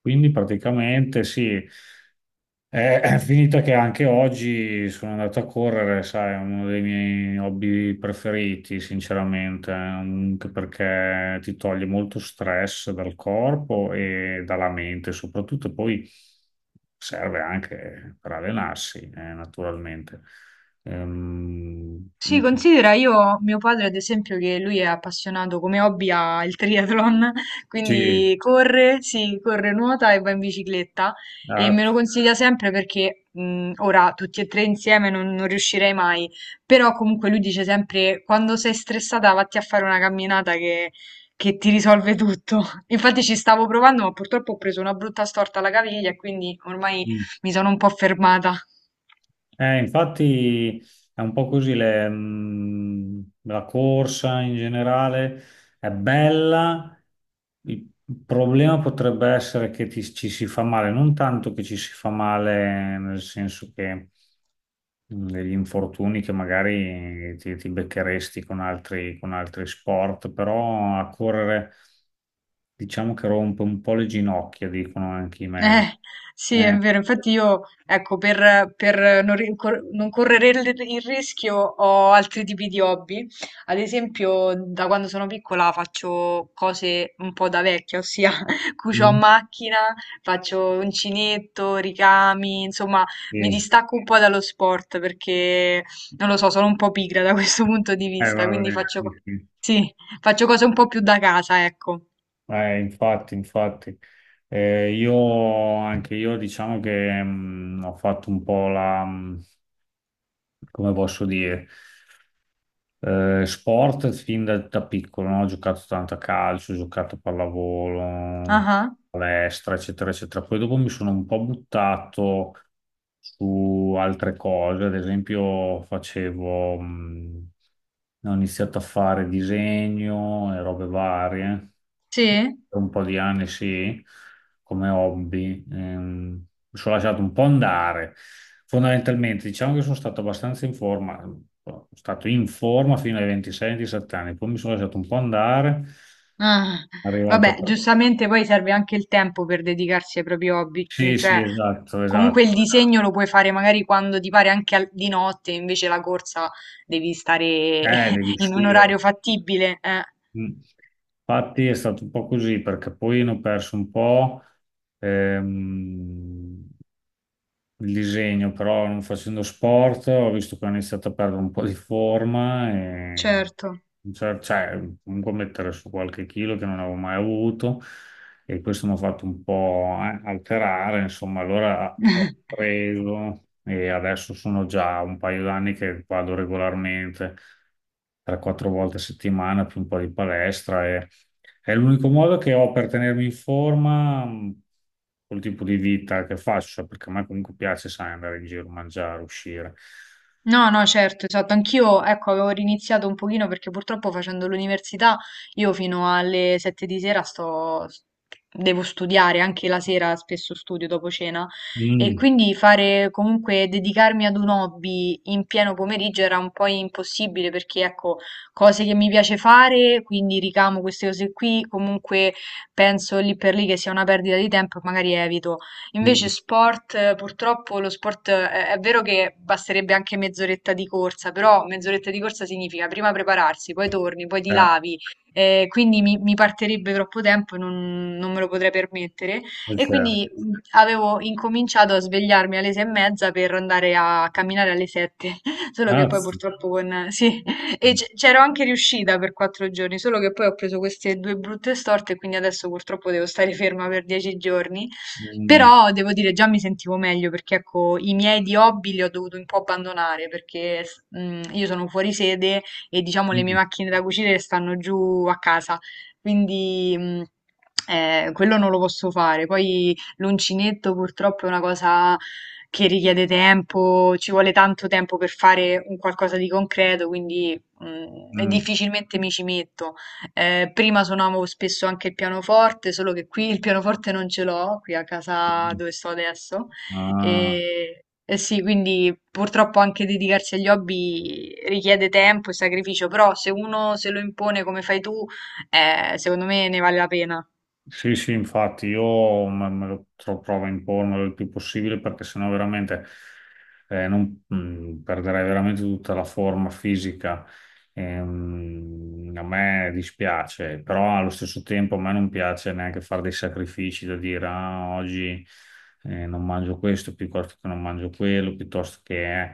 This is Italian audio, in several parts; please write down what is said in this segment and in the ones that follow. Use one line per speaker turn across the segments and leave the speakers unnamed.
Quindi praticamente sì, è finita che anche oggi sono andato a correre, sai. È uno dei miei hobby preferiti, sinceramente, anche perché ti toglie molto stress dal corpo e dalla mente, soprattutto poi serve anche per allenarsi, naturalmente. Ehm,
Sì, considera io, mio padre ad esempio, che lui è appassionato come hobby al triathlon,
sì,
quindi corre, sì, corre, nuota e va in bicicletta e
ah,
me lo consiglia sempre perché ora tutti e tre insieme non riuscirei mai, però comunque lui dice sempre quando sei stressata vatti a fare una camminata che ti risolve tutto. Infatti ci stavo provando ma purtroppo ho preso una brutta storta alla caviglia e quindi ormai
mm.
mi sono un po' fermata.
Infatti è un po' così, le, la corsa in generale è bella, il problema potrebbe essere che ci si fa male, non tanto che ci si fa male nel senso che degli infortuni che magari ti beccheresti con altri sport, però a correre diciamo che rompe un po' le ginocchia, dicono anche i medici.
Eh, sì, è
Eh,
vero. Infatti io, ecco, per non correre il rischio, ho altri tipi di hobby. Ad esempio, da quando sono piccola faccio cose un po' da vecchia, ossia cucio a
mm,
macchina, faccio uncinetto, ricami, insomma, mi
sì.
distacco un po' dallo sport perché, non lo so, sono un po' pigra da questo punto di vista, quindi
Vabbè, sì, sì.
sì, faccio cose un po' più da casa, ecco.
Infatti, infatti. Io, anche io, diciamo che ho fatto un po' la, come posso dire, sport da piccolo, no? Ho giocato tanto a calcio, ho giocato a pallavolo,
Ah, ah.
palestra, eccetera, eccetera. Poi dopo mi sono un po' buttato su altre cose, ad esempio facevo, ho iniziato a fare disegno e robe varie,
Sì?
per un po' di anni sì, come hobby. Mi sono lasciato un po' andare. Fondamentalmente, diciamo che sono stato abbastanza in forma, sono stato in forma fino ai 26-27 anni, poi mi sono lasciato un po' andare,
Ah,
arrivato a
vabbè, giustamente poi serve anche il tempo per dedicarsi ai propri hobby, mm,
sì, sì,
cioè
esatto, esatto.
comunque il disegno lo puoi fare magari quando ti pare anche di notte, invece la corsa devi stare
Devi
in un orario
uscire.
fattibile,
Mm. Infatti è stato un po' così perché poi ne ho perso un po'. ehm, il disegno, però non facendo sport ho visto che ho iniziato a perdere un po' di forma e
certo.
cioè, comunque mettere su qualche chilo che non avevo mai avuto, e questo mi ha fatto un po' alterare, insomma. Allora ho preso e adesso sono già un paio d'anni che vado regolarmente 3-4 volte a settimana più un po' di palestra, e è l'unico modo che ho per tenermi in forma col tipo di vita che faccio, perché a me comunque piace, sai, andare in giro, mangiare, uscire.
No, no, certo, esatto. Anch'io, ecco, avevo riniziato un pochino perché purtroppo facendo l'università io fino alle 7 di sera sto, devo studiare, anche la sera spesso studio dopo cena e
Mm,
quindi fare comunque dedicarmi ad un hobby in pieno pomeriggio era un po' impossibile perché ecco, cose che mi piace fare, quindi ricamo queste cose qui, comunque penso lì per lì che sia una perdita di tempo e magari evito. Invece
mm,
sport, purtroppo lo sport è vero che basterebbe anche mezz'oretta di corsa, però mezz'oretta di corsa significa prima prepararsi, poi torni, poi ti
eh,
lavi, quindi mi partirebbe troppo tempo e non me lo potrei permettere.
è
E
certo.
quindi avevo incominciato a svegliarmi alle 6:30 per andare a camminare alle 7, solo che poi
Grazie.
purtroppo con... Sì, e
Mm,
c'ero anche riuscita per 4 giorni, solo che poi ho preso queste due brutte storte e quindi adesso purtroppo devo stare ferma per 10 giorni.
mm,
Però devo dire, già mi sentivo meglio perché ecco, i miei di hobby li ho dovuto un po' abbandonare perché mm, io sono fuori sede e diciamo le mie
mm,
macchine da cucire stanno giù a casa, quindi mm, quello non lo posso fare. Poi l'uncinetto purtroppo è una cosa che richiede tempo, ci vuole tanto tempo per fare un qualcosa di concreto, quindi mm,
mm.
difficilmente mi ci metto. Prima suonavo spesso anche il pianoforte, solo che qui il pianoforte non ce l'ho, qui a casa
Mm,
dove sto adesso.
ah.
E sì, quindi purtroppo anche dedicarsi agli hobby richiede tempo e sacrificio, però se uno se lo impone come fai tu, secondo me ne vale la pena.
Sì, sì, infatti io me lo provo a impormelo il più possibile perché sennò veramente perderei veramente tutta la forma fisica. A me dispiace, però allo stesso tempo a me non piace neanche fare dei sacrifici da dire ah, oggi non mangio questo piuttosto che non mangio quello, piuttosto che eh.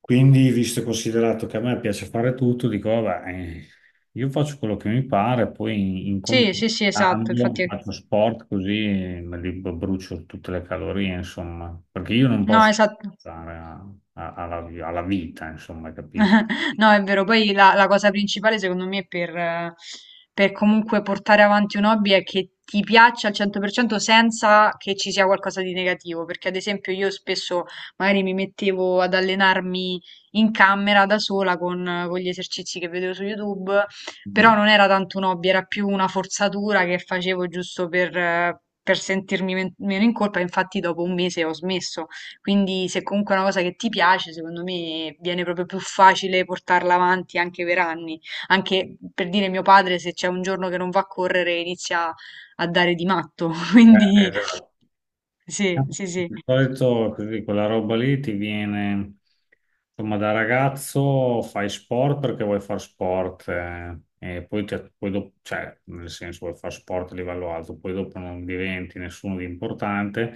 Quindi, visto e considerato che a me piace fare tutto, dico, vabbè, io faccio quello che mi pare, poi
Sì, sì, sì, esatto,
cambio,
infatti...
faccio sport così me brucio tutte le calorie, insomma, perché io non
No,
posso
esatto.
stare alla alla vita, insomma, capito?
No, è vero. Poi la cosa principale, secondo me, per comunque portare avanti un hobby è che ti piaccia al 100% senza che ci sia qualcosa di negativo. Perché, ad esempio, io spesso magari mi mettevo ad allenarmi in camera da sola con gli esercizi che vedevo su YouTube, però
Mm.
non era tanto un hobby, era più una forzatura che facevo giusto per, per sentirmi meno in colpa. Infatti, dopo un mese ho smesso. Quindi se comunque è una cosa che ti piace, secondo me viene proprio più facile portarla avanti anche per anni. Anche per dire, mio padre, se c'è un giorno che non va a correre, inizia a dare di matto. Quindi
Esatto.
sì, sì,
Di
sì,
solito così, quella roba lì ti viene, insomma, da ragazzo fai sport perché vuoi fare sport e poi, poi dopo, cioè, nel senso vuoi fare sport a livello alto, poi dopo non diventi nessuno di importante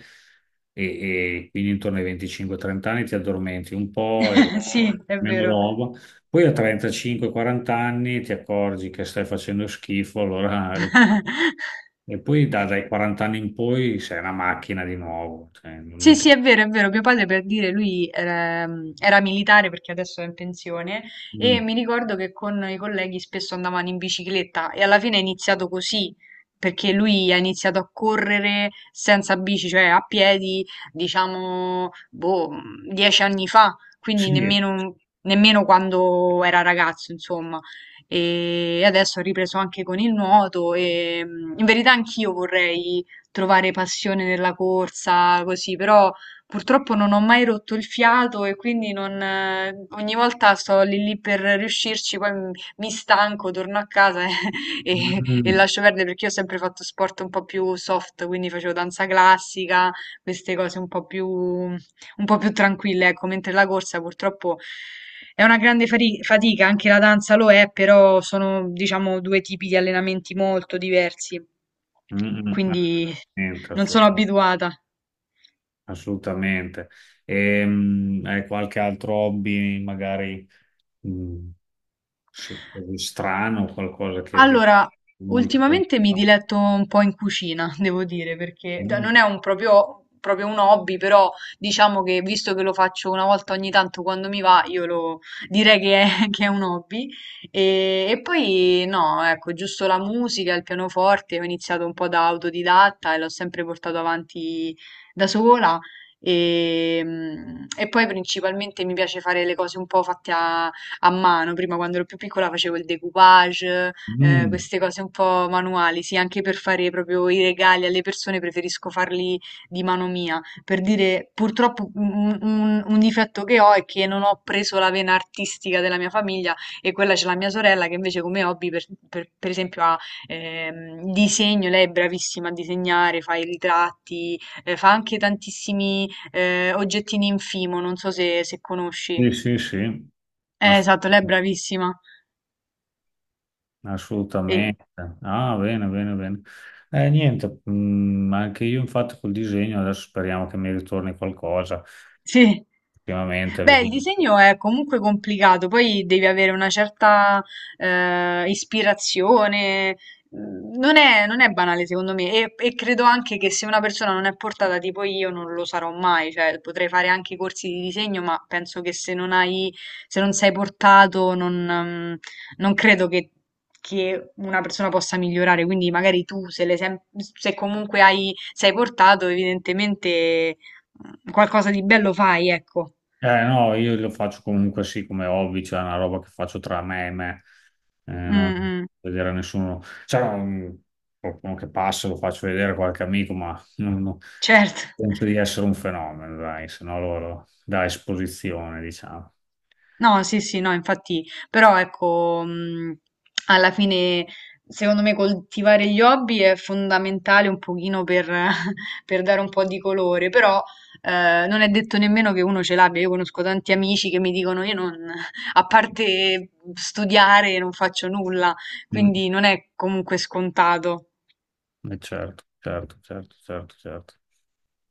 e, e quindi intorno ai 25-30 anni ti addormenti un po' e
sì, è
meno
vero.
roba, poi a 35-40 anni ti accorgi che stai facendo schifo, allora ripari. E poi dai 40 anni in poi sei una macchina di nuovo. Cioè,
Sì,
non ti-
sì, è vero, è vero. Mio padre, per dire, lui era, era militare, perché adesso è in pensione, e
Mm,
mi ricordo che con i colleghi spesso andavano in bicicletta e alla fine è iniziato così perché lui ha iniziato a correre senza bici, cioè a piedi, diciamo, boh, 10 anni fa, quindi
sì,
nemmeno, nemmeno quando era ragazzo, insomma. E adesso ha ripreso anche con il nuoto e mm, in verità anch'io vorrei trovare passione nella corsa, così, però purtroppo non ho mai rotto il fiato e quindi non, ogni volta sto lì lì per riuscirci, poi mi stanco, torno a casa e
mm,
lascio perdere, perché io ho sempre fatto sport un po' più soft, quindi facevo danza classica, queste cose un po' più tranquille, ecco, mentre la corsa purtroppo è una grande fatica, anche la danza lo è, però sono, diciamo, due tipi di allenamenti molto diversi,
mm, mm,
quindi
assolutamente.
non sono abituata.
Assolutamente. Hai qualche altro hobby, magari mm, sì, così strano, qualcosa che
Allora,
molta gente
ultimamente mi
fa?
diletto un po' in cucina, devo dire, perché
Mm,
non è un proprio, proprio un hobby, però diciamo che visto che lo faccio una volta ogni tanto quando mi va, io lo direi che è, che è un hobby. E poi no, ecco, giusto la musica, il pianoforte, ho iniziato un po' da autodidatta e l'ho sempre portato avanti da sola. E, mm, e poi principalmente mi piace fare le cose un po' fatte a, a mano. Prima, quando ero più piccola, facevo il decoupage,
mm,
queste cose un po' manuali, sì, anche per fare proprio i regali alle persone preferisco farli di mano mia. Per dire, purtroppo un difetto che ho è che non ho preso la vena artistica della mia famiglia, e quella c'è la mia sorella che invece come hobby, per esempio, ha disegno, lei è bravissima a disegnare, fa i ritratti, fa anche tantissimi oggettini in fimo, non so se, se conosci.
sì, sì, sì. Assolutamente.
Esatto, lei è bravissima. E-
Assolutamente. Ah, bene, bene, bene. Niente, mm, anche io infatti col disegno adesso speriamo che mi ritorni qualcosa.
Sì.
Ultimamente,
Beh, il
vedi.
disegno è comunque complicato, poi devi avere una certa ispirazione. Mm, non è, non è banale, secondo me, e credo anche che se una persona non è portata, tipo io non lo sarò mai, cioè potrei fare anche corsi di disegno, ma penso che se non hai, se non sei portato, non, mm, non credo che una persona possa migliorare. Quindi magari tu, se, se comunque hai, sei portato, evidentemente qualcosa di bello fai, ecco.
Eh, no, io lo faccio comunque sì come hobby, cioè è una roba che faccio tra me e me, non
Mh-mh,
vedere a nessuno, cioè non- qualcuno che passa lo faccio vedere a qualche amico, ma non
certo.
penso di essere un fenomeno, dai, se no loro da esposizione, diciamo.
No, sì, sì, no, infatti, però ecco, mhmm, alla fine secondo me coltivare gli hobby è fondamentale un pochino per per dare un po' di colore, però, non è detto nemmeno che uno ce l'abbia. Io conosco tanti amici che mi dicono: "Io non a parte studiare non faccio nulla",
Mm,
quindi non è comunque scontato.
certo, certo, certo, certo, certo.